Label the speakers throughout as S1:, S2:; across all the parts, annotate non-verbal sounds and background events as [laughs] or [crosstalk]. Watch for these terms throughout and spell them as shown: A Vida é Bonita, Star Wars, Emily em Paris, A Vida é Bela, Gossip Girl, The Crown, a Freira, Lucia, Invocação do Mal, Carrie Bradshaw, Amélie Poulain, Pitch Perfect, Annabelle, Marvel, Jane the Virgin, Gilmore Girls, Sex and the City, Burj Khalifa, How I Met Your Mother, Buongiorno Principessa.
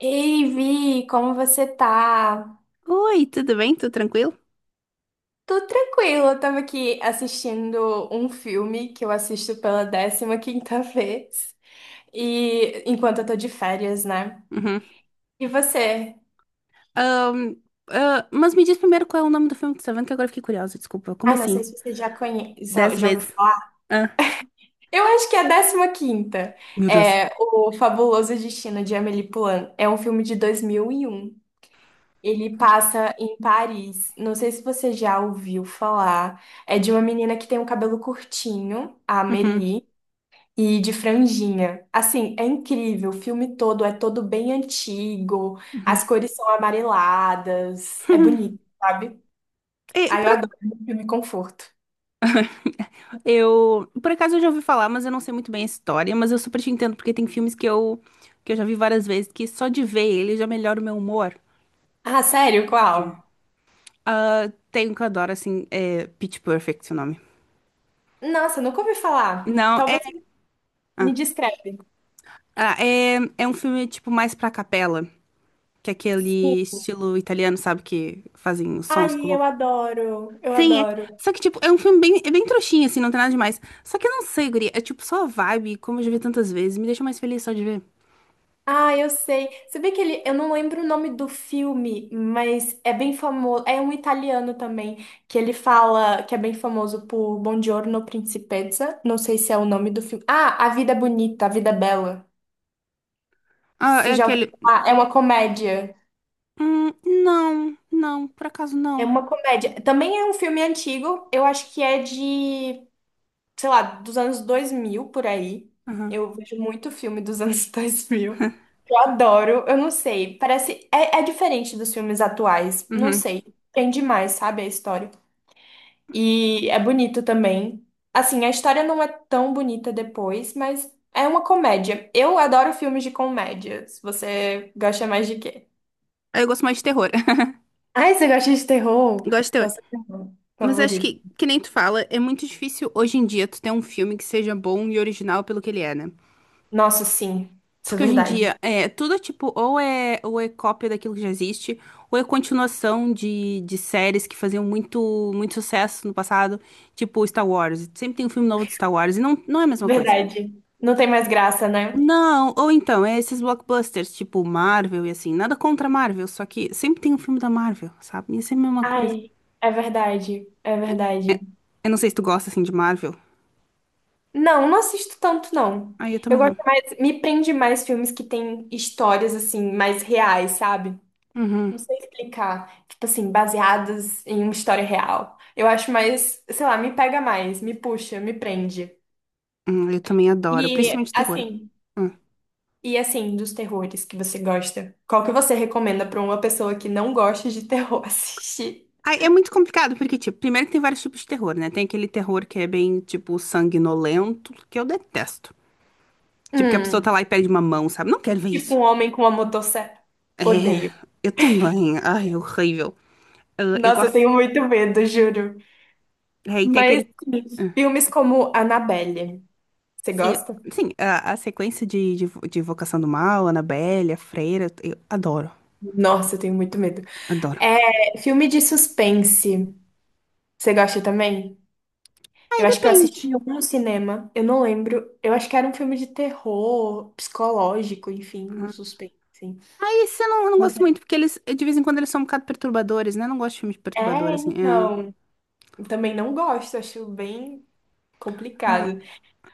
S1: Ei, Vi, como você tá?
S2: Oi, tudo bem? Tudo tranquilo?
S1: Tô tranquila, eu tava aqui assistindo um filme que eu assisto pela décima quinta [laughs] vez, e enquanto eu tô de férias, né?
S2: Uhum.
S1: E você?
S2: Ahn, ah, mas me diz primeiro qual é o nome do filme que você tá vendo, que agora eu fiquei curiosa, desculpa. Como
S1: Ai, não sei
S2: assim?
S1: se você já conhece, já
S2: Dez
S1: já ouviu
S2: vezes.
S1: falar.
S2: Ah.
S1: Eu acho que é a décima quinta.
S2: Meu Deus.
S1: É O Fabuloso Destino de Amélie Poulain. É um filme de 2001. Ele passa em Paris. Não sei se você já ouviu falar. É de uma menina que tem um cabelo curtinho, a
S2: Uhum,
S1: Amélie. E de franjinha. Assim, é incrível. O filme todo é todo bem antigo.
S2: uhum.
S1: As cores são amareladas. É bonito,
S2: [laughs]
S1: sabe?
S2: E,
S1: Ah, eu
S2: por, ac-
S1: adoro filme conforto.
S2: eu, por acaso eu já ouvi falar, mas eu não sei muito bem a história, mas eu super te entendo, porque tem filmes que eu já vi várias vezes, que só de ver ele já melhora o meu humor.
S1: Ah, sério? Qual?
S2: Ah, tem um que eu adoro, assim, é Pitch Perfect, o nome.
S1: Nossa, nunca ouvi falar.
S2: Não, é,
S1: Talvez me descreve.
S2: ah, é, é um filme, tipo, mais pra capela. Que é
S1: Sim.
S2: aquele estilo italiano, sabe? Que fazem os sons com a
S1: Ai, eu
S2: boca.
S1: adoro. Eu
S2: Sim, é.
S1: adoro.
S2: Só que, tipo, é um filme é bem trouxinha, assim, não tem nada demais. Só que eu não sei, guria. É, tipo, só a vibe, como eu já vi tantas vezes. Me deixa mais feliz só de ver.
S1: Ah, eu sei. Você vê que ele, eu não lembro o nome do filme, mas é bem famoso. É um italiano também, que ele fala que é bem famoso por Buongiorno Principessa. Não sei se é o nome do filme. Ah, A Vida é Bonita, A Vida é Bela.
S2: Ah, é
S1: Você já ouviu
S2: aquele.
S1: falar? É uma comédia.
S2: Não, não, por acaso
S1: É
S2: não.
S1: uma comédia. Também é um filme antigo. Eu acho que é de, sei lá, dos anos 2000 por aí.
S2: Aham,
S1: Eu vejo muito filme dos anos [laughs] dois mil. Eu adoro, eu não sei, parece, é diferente dos filmes atuais, não
S2: uhum.
S1: sei, prende mais, sabe, a história. E é bonito também. Assim, a história não é tão bonita depois, mas é uma comédia. Eu adoro filmes de comédia. Se você gosta mais de quê?
S2: Aí eu gosto mais de terror.
S1: Ai, você gosta de
S2: [laughs]
S1: terror?
S2: Gosto de
S1: Qual
S2: terror.
S1: é o seu terror
S2: Mas acho
S1: favorito?
S2: que nem tu fala, é muito difícil hoje em dia tu ter um filme que seja bom e original pelo que ele é, né?
S1: Nossa, sim, isso é
S2: Porque hoje em
S1: verdade.
S2: dia é tudo tipo, ou é cópia daquilo que já existe, ou é continuação de séries que faziam muito, muito sucesso no passado, tipo Star Wars. Sempre tem um filme novo de Star Wars e não, não é a mesma coisa.
S1: Verdade. Não tem mais graça, né?
S2: Não, ou então, é esses blockbusters, tipo Marvel e assim, nada contra Marvel, só que sempre tem um filme da Marvel, sabe? E é sempre a mesma coisa.
S1: Ai, é verdade, é verdade.
S2: É, eu não sei se tu gosta assim de Marvel.
S1: Não, não assisto tanto, não.
S2: Ah, eu
S1: Eu
S2: também não.
S1: gosto mais, me prende mais filmes que têm histórias, assim, mais reais, sabe? Não
S2: Uhum.
S1: sei explicar. Tipo assim, baseadas em uma história real. Eu acho mais, sei lá, me pega mais, me puxa, me prende.
S2: Eu também adoro,
S1: E,
S2: principalmente terror.
S1: assim,
S2: Hum.
S1: e assim, dos terrores que você gosta, qual que você recomenda pra uma pessoa que não gosta de terror [laughs] assistir?
S2: Ah, é muito complicado, porque, tipo, primeiro que tem vários tipos de terror, né? Tem aquele terror que é bem, tipo, sanguinolento, que eu detesto. Tipo, que a pessoa tá
S1: Hum,
S2: lá e perde uma mão, sabe? Não quero ver
S1: tipo
S2: isso.
S1: um homem com uma motosserra.
S2: É,
S1: Odeio.
S2: eu também. Ai, é horrível. Ah, eu
S1: Nossa, eu
S2: gosto.
S1: tenho muito medo, juro.
S2: É, e tem
S1: Mas
S2: aquele.
S1: filmes como Annabelle, você
S2: Sim,
S1: gosta?
S2: sim, a sequência de Invocação do Mal, Annabelle, a Freira, eu adoro,
S1: Nossa, eu tenho muito medo.
S2: adoro.
S1: É, filme de suspense, você gosta também? Eu
S2: Aí
S1: acho que eu assisti
S2: depende.
S1: em algum cinema, eu não lembro. Eu acho que era um filme de terror, psicológico, enfim, um suspense, assim.
S2: Aí isso eu não gosto muito, porque eles, de vez em quando, eles são um bocado perturbadores, né? Eu não gosto de filmes
S1: É,
S2: perturbadores, assim. É.
S1: então, eu também não gosto, acho bem complicado.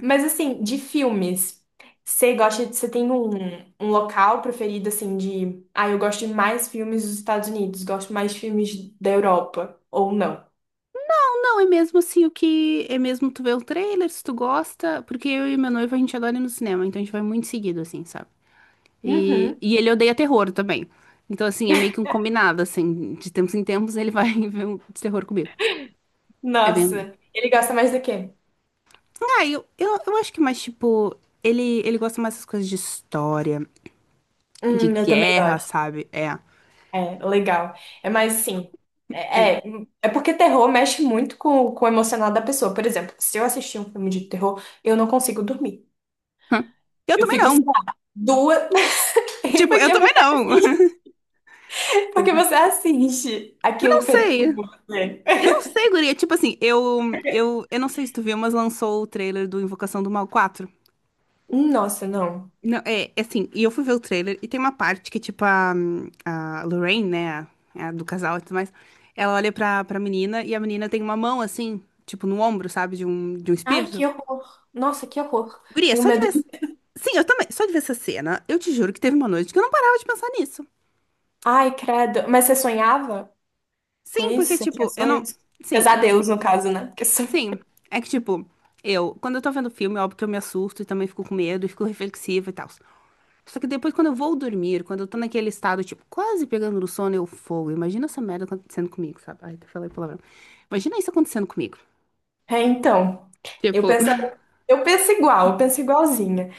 S1: Mas assim, de filmes, você gosta, você tem um local preferido assim de, ah, eu gosto de mais filmes dos Estados Unidos, gosto mais de filmes da Europa ou não?
S2: Não, é mesmo assim o que. É mesmo tu vê o trailer, se tu gosta. Porque eu e meu noivo a gente adora ir no cinema, então a gente vai muito seguido, assim, sabe? E,
S1: Uhum.
S2: e ele odeia terror também. Então, assim, é meio que um combinado, assim. De tempos em tempos ele vai [laughs] ver um de terror comigo. É bem.
S1: Nossa, ele gosta mais do quê?
S2: Ah, eu acho que mais, tipo. Ele gosta mais das coisas de história, de
S1: Eu também
S2: guerra,
S1: gosto.
S2: sabe? É.
S1: É, legal. É mais assim,
S2: É.
S1: é, é, é porque terror mexe muito com o emocional da pessoa. Por exemplo, se eu assistir um filme de terror, eu não consigo dormir.
S2: Hã? Eu
S1: Eu
S2: também
S1: fico, sei
S2: não.
S1: lá, duas. [laughs]
S2: Tipo, eu
S1: Porque
S2: também
S1: você
S2: não. [laughs]
S1: assiste, porque você assiste
S2: Eu não
S1: aquilo.
S2: sei.
S1: É.
S2: Eu não sei, guria. Tipo assim, eu não sei se tu viu, mas lançou o trailer do Invocação do Mal 4.
S1: Nossa, não.
S2: Não, é assim, e eu fui ver o trailer e tem uma parte que, tipo, a Lorraine, né, é a do casal e tudo mais, ela olha pra menina e a menina tem uma mão, assim, tipo, no ombro, sabe, de um
S1: Ai,
S2: espírito.
S1: que horror. Nossa, que horror.
S2: Guria,
S1: Tenho
S2: só de
S1: medo
S2: ver.
S1: de.
S2: Sim, eu também, só de ver essa cena, eu te juro que teve uma noite que eu não parava de pensar nisso.
S1: Ai, credo. Mas você sonhava com
S2: Sim,
S1: isso?
S2: porque,
S1: Você tinha
S2: tipo, eu não.
S1: sonhos?
S2: Sim,
S1: Pesadelos, no caso, né? Porque sonho.
S2: sim, é que tipo, eu, quando eu tô vendo filme, óbvio que eu me assusto e também fico com medo e fico reflexiva e tal. Só que depois, quando eu vou dormir, quando eu tô naquele estado, tipo, quase pegando no sono, eu fogo. Imagina essa merda acontecendo comigo, sabe? Ai, até falei palavrão. Imagina isso acontecendo comigo.
S1: É, então. Eu
S2: Tipo, [laughs]
S1: penso, eu penso igualzinha.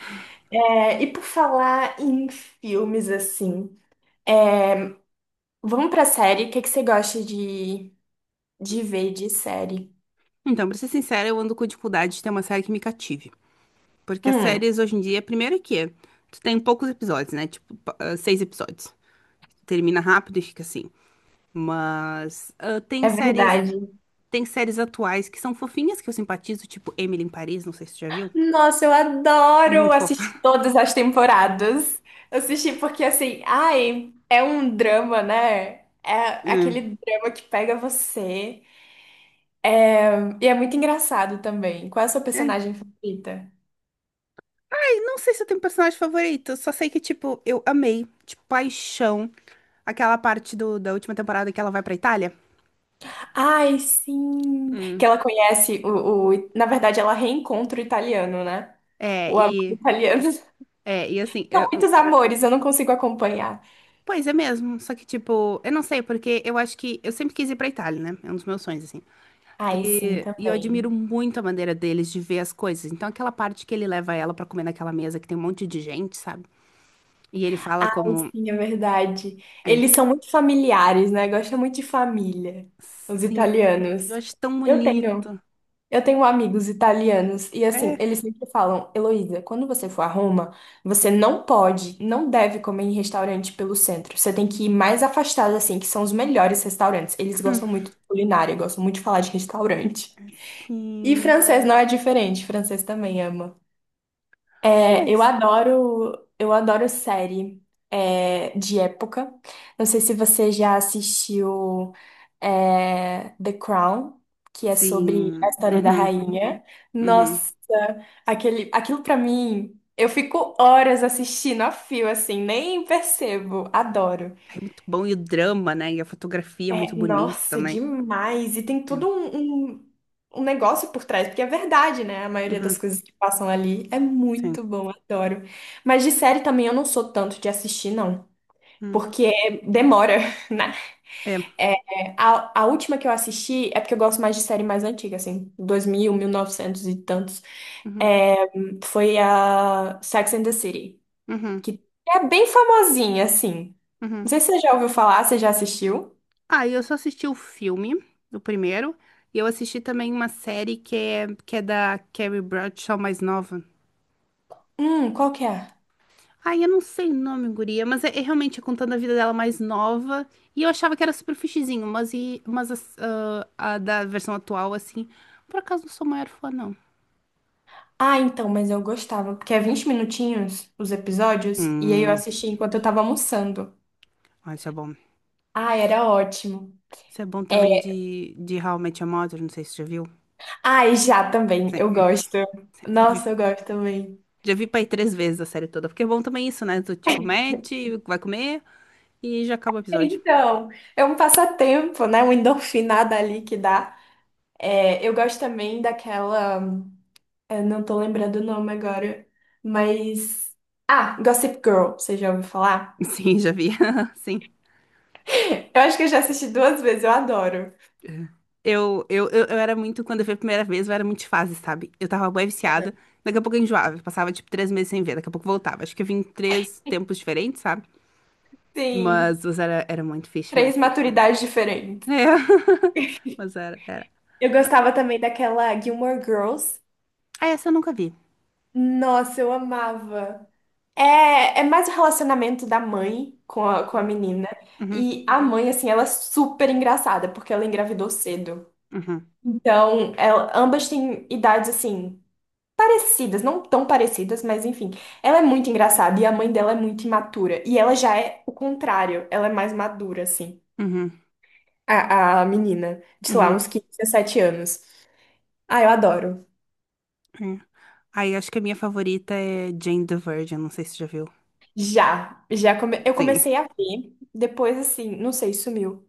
S1: É, e por falar em filmes assim, vamos pra série. O que que você gosta de ver de série?
S2: então, pra ser sincera, eu ando com dificuldade de ter uma série que me cative. Porque as
S1: Hum,
S2: séries hoje em dia, primeiro é que tu tem poucos episódios, né? Tipo, seis episódios. Termina rápido e fica assim. Mas ah, tem
S1: é
S2: séries
S1: verdade.
S2: Tem séries atuais que são fofinhas, que eu simpatizo, tipo Emily em Paris, não sei se você já viu.
S1: Nossa, eu
S2: É
S1: adoro
S2: muito
S1: assistir
S2: fofa.
S1: todas as temporadas. Eu assisti porque, assim, ai, é um drama, né? É
S2: Hum.
S1: aquele drama que pega você. É, e é muito engraçado também. Qual é a sua
S2: É.
S1: personagem favorita?
S2: E não sei se eu tenho personagem favorito, só sei que, tipo, eu amei, tipo, paixão, aquela parte da última temporada que ela vai pra Itália.
S1: Ai, sim!
S2: Hum.
S1: Que ela conhece o... Na verdade, ela reencontra o italiano, né?
S2: É,
S1: O amor
S2: e.
S1: italiano. [laughs] São
S2: É, e assim,
S1: muitos amores, eu não consigo acompanhar.
S2: pois é mesmo, só que, tipo, eu não sei, porque eu acho que eu sempre quis ir pra Itália, né? É um dos meus sonhos, assim.
S1: Ai, sim,
S2: E eu admiro
S1: também.
S2: muito a maneira deles de ver as coisas. Então, aquela parte que ele leva ela pra comer naquela mesa que tem um monte de gente, sabe? E ele fala
S1: Ah,
S2: como.
S1: sim, é verdade.
S2: É,
S1: Eles são muito familiares, né? Gostam muito de família, os
S2: sim, eu
S1: italianos.
S2: acho tão
S1: Eu tenho,
S2: bonito.
S1: eu tenho amigos italianos e assim,
S2: É,
S1: eles sempre falam, Heloísa, quando você for a Roma, você não pode, não deve comer em restaurante pelo centro. Você tem que ir mais afastado, assim, que são os melhores restaurantes. Eles
S2: hum,
S1: gostam muito de culinária, gostam muito de falar de restaurante. E
S2: assim,
S1: francês não é diferente, francês também ama. É,
S2: pois.
S1: eu adoro série, é, de época. Não sei se você já assistiu, é, The Crown, que é sobre a
S2: Sim,
S1: história da
S2: uhum,
S1: rainha.
S2: uhum.
S1: Nossa, aquele, aquilo pra mim, eu fico horas assistindo a fio, assim, nem percebo. Adoro.
S2: Ai, muito bom, e o drama, né? E a fotografia é muito
S1: É,
S2: bonita
S1: nossa,
S2: também.
S1: demais. E tem
S2: É,
S1: todo um negócio por trás, porque é verdade, né? A maioria
S2: uhum,
S1: das coisas que passam ali é
S2: sim,
S1: muito bom, adoro. Mas de série também eu não sou tanto de assistir, não.
S2: hum,
S1: Porque demora, [laughs] né?
S2: é,
S1: É, a última que eu assisti é porque eu gosto mais de série mais antiga, assim, 2000, novecentos e tantos.
S2: uhum,
S1: É, foi a Sex and the City,
S2: uhum,
S1: que é bem famosinha, assim.
S2: uhum.
S1: Não sei se você já ouviu falar, você já assistiu?
S2: Ah, e eu só assisti o filme, o primeiro, e eu assisti também uma série que é da Carrie Bradshaw mais nova.
S1: Qual que é?
S2: Ai, eu não sei o nome, guria, mas é realmente contando a vida dela mais nova. E eu achava que era super fichezinho, mas, a da versão atual, assim, por acaso não sou maior fã, não.
S1: Ah, então, mas eu gostava, porque é 20 minutinhos os episódios, e aí eu
S2: Hum,
S1: assisti enquanto eu tava almoçando.
S2: ah, isso é bom.
S1: Ah, era ótimo.
S2: Isso é bom também
S1: É.
S2: de How I Met Your Mother, não sei se você já viu.
S1: Ah, e já também, eu
S2: Sim,
S1: gosto.
S2: [laughs] já vi,
S1: Nossa, eu gosto também.
S2: já vi pra ir três vezes a série toda, porque é bom também isso, né? Do tipo, mete, vai comer e já acaba o episódio.
S1: Então, é um passatempo, né? Uma endorfinada ali que dá. É, eu gosto também daquela. Eu não tô lembrando o nome agora, mas. Ah, Gossip Girl, você já ouviu
S2: [laughs]
S1: falar?
S2: Sim, já vi. [laughs] Sim.
S1: [laughs] Eu acho que eu já assisti duas vezes, eu adoro.
S2: Eu era muito, quando eu vi a primeira vez, eu era muito de fase, sabe? Eu tava bem viciada, daqui a pouco eu enjoava, eu passava tipo 3 meses sem ver, daqui a pouco voltava. Acho que eu vim em três tempos diferentes, sabe?
S1: Sim,
S2: Mas era muito fixe
S1: três
S2: mesmo.
S1: maturidades diferentes.
S2: É, [laughs] mas era.
S1: Eu gostava também daquela Gilmore Girls.
S2: Ah, essa eu nunca vi.
S1: Nossa, eu amava. É, é mais o relacionamento da mãe com a menina.
S2: Uhum,
S1: E a mãe, assim, ela é super engraçada, porque ela engravidou cedo.
S2: uhum,
S1: Então, ela- ambas têm idades, assim, parecidas. Não tão parecidas, mas enfim. Ela é muito engraçada e a mãe dela é muito imatura. E ela já é o contrário. Ela é mais madura, assim,
S2: uhum,
S1: a menina. De, sei lá,
S2: uhum,
S1: uns 15, 17 anos. Ah, eu adoro.
S2: uhum. Aí acho que a minha favorita é Jane the Virgin, não sei se você já viu.
S1: Já, já come... eu
S2: Sim.
S1: comecei a ver, depois assim, não sei, sumiu.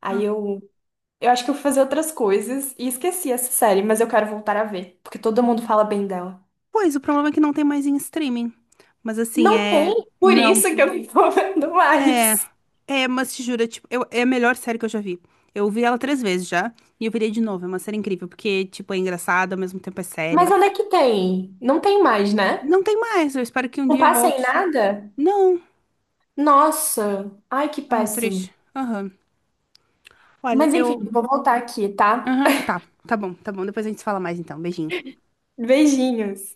S1: Aí
S2: Ah,
S1: eu acho que eu fui fazer outras coisas e esqueci essa série, mas eu quero voltar a ver, porque todo mundo fala bem dela.
S2: pois, o problema é que não tem mais em streaming. Mas assim,
S1: Não tem,
S2: é.
S1: por
S2: Não.
S1: isso que eu não tô [laughs] vendo
S2: É,
S1: mais.
S2: é, mas te juro, é tipo, é a melhor série que eu já vi. Eu vi ela três vezes já, e eu virei de novo. É uma série incrível, porque, tipo, é engraçada, ao mesmo tempo é séria.
S1: Mas onde é que tem? Não tem mais, né?
S2: Não tem mais, eu espero que um
S1: Não
S2: dia
S1: passa em
S2: volte.
S1: nada?
S2: Não,
S1: Nossa, ai que
S2: é um
S1: péssimo.
S2: triste. Aham. Olha,
S1: Mas enfim,
S2: eu.
S1: vou voltar aqui, tá?
S2: Aham, tá, tá bom, tá bom. Depois a gente se fala mais então. Beijinho.
S1: [laughs] Beijinhos.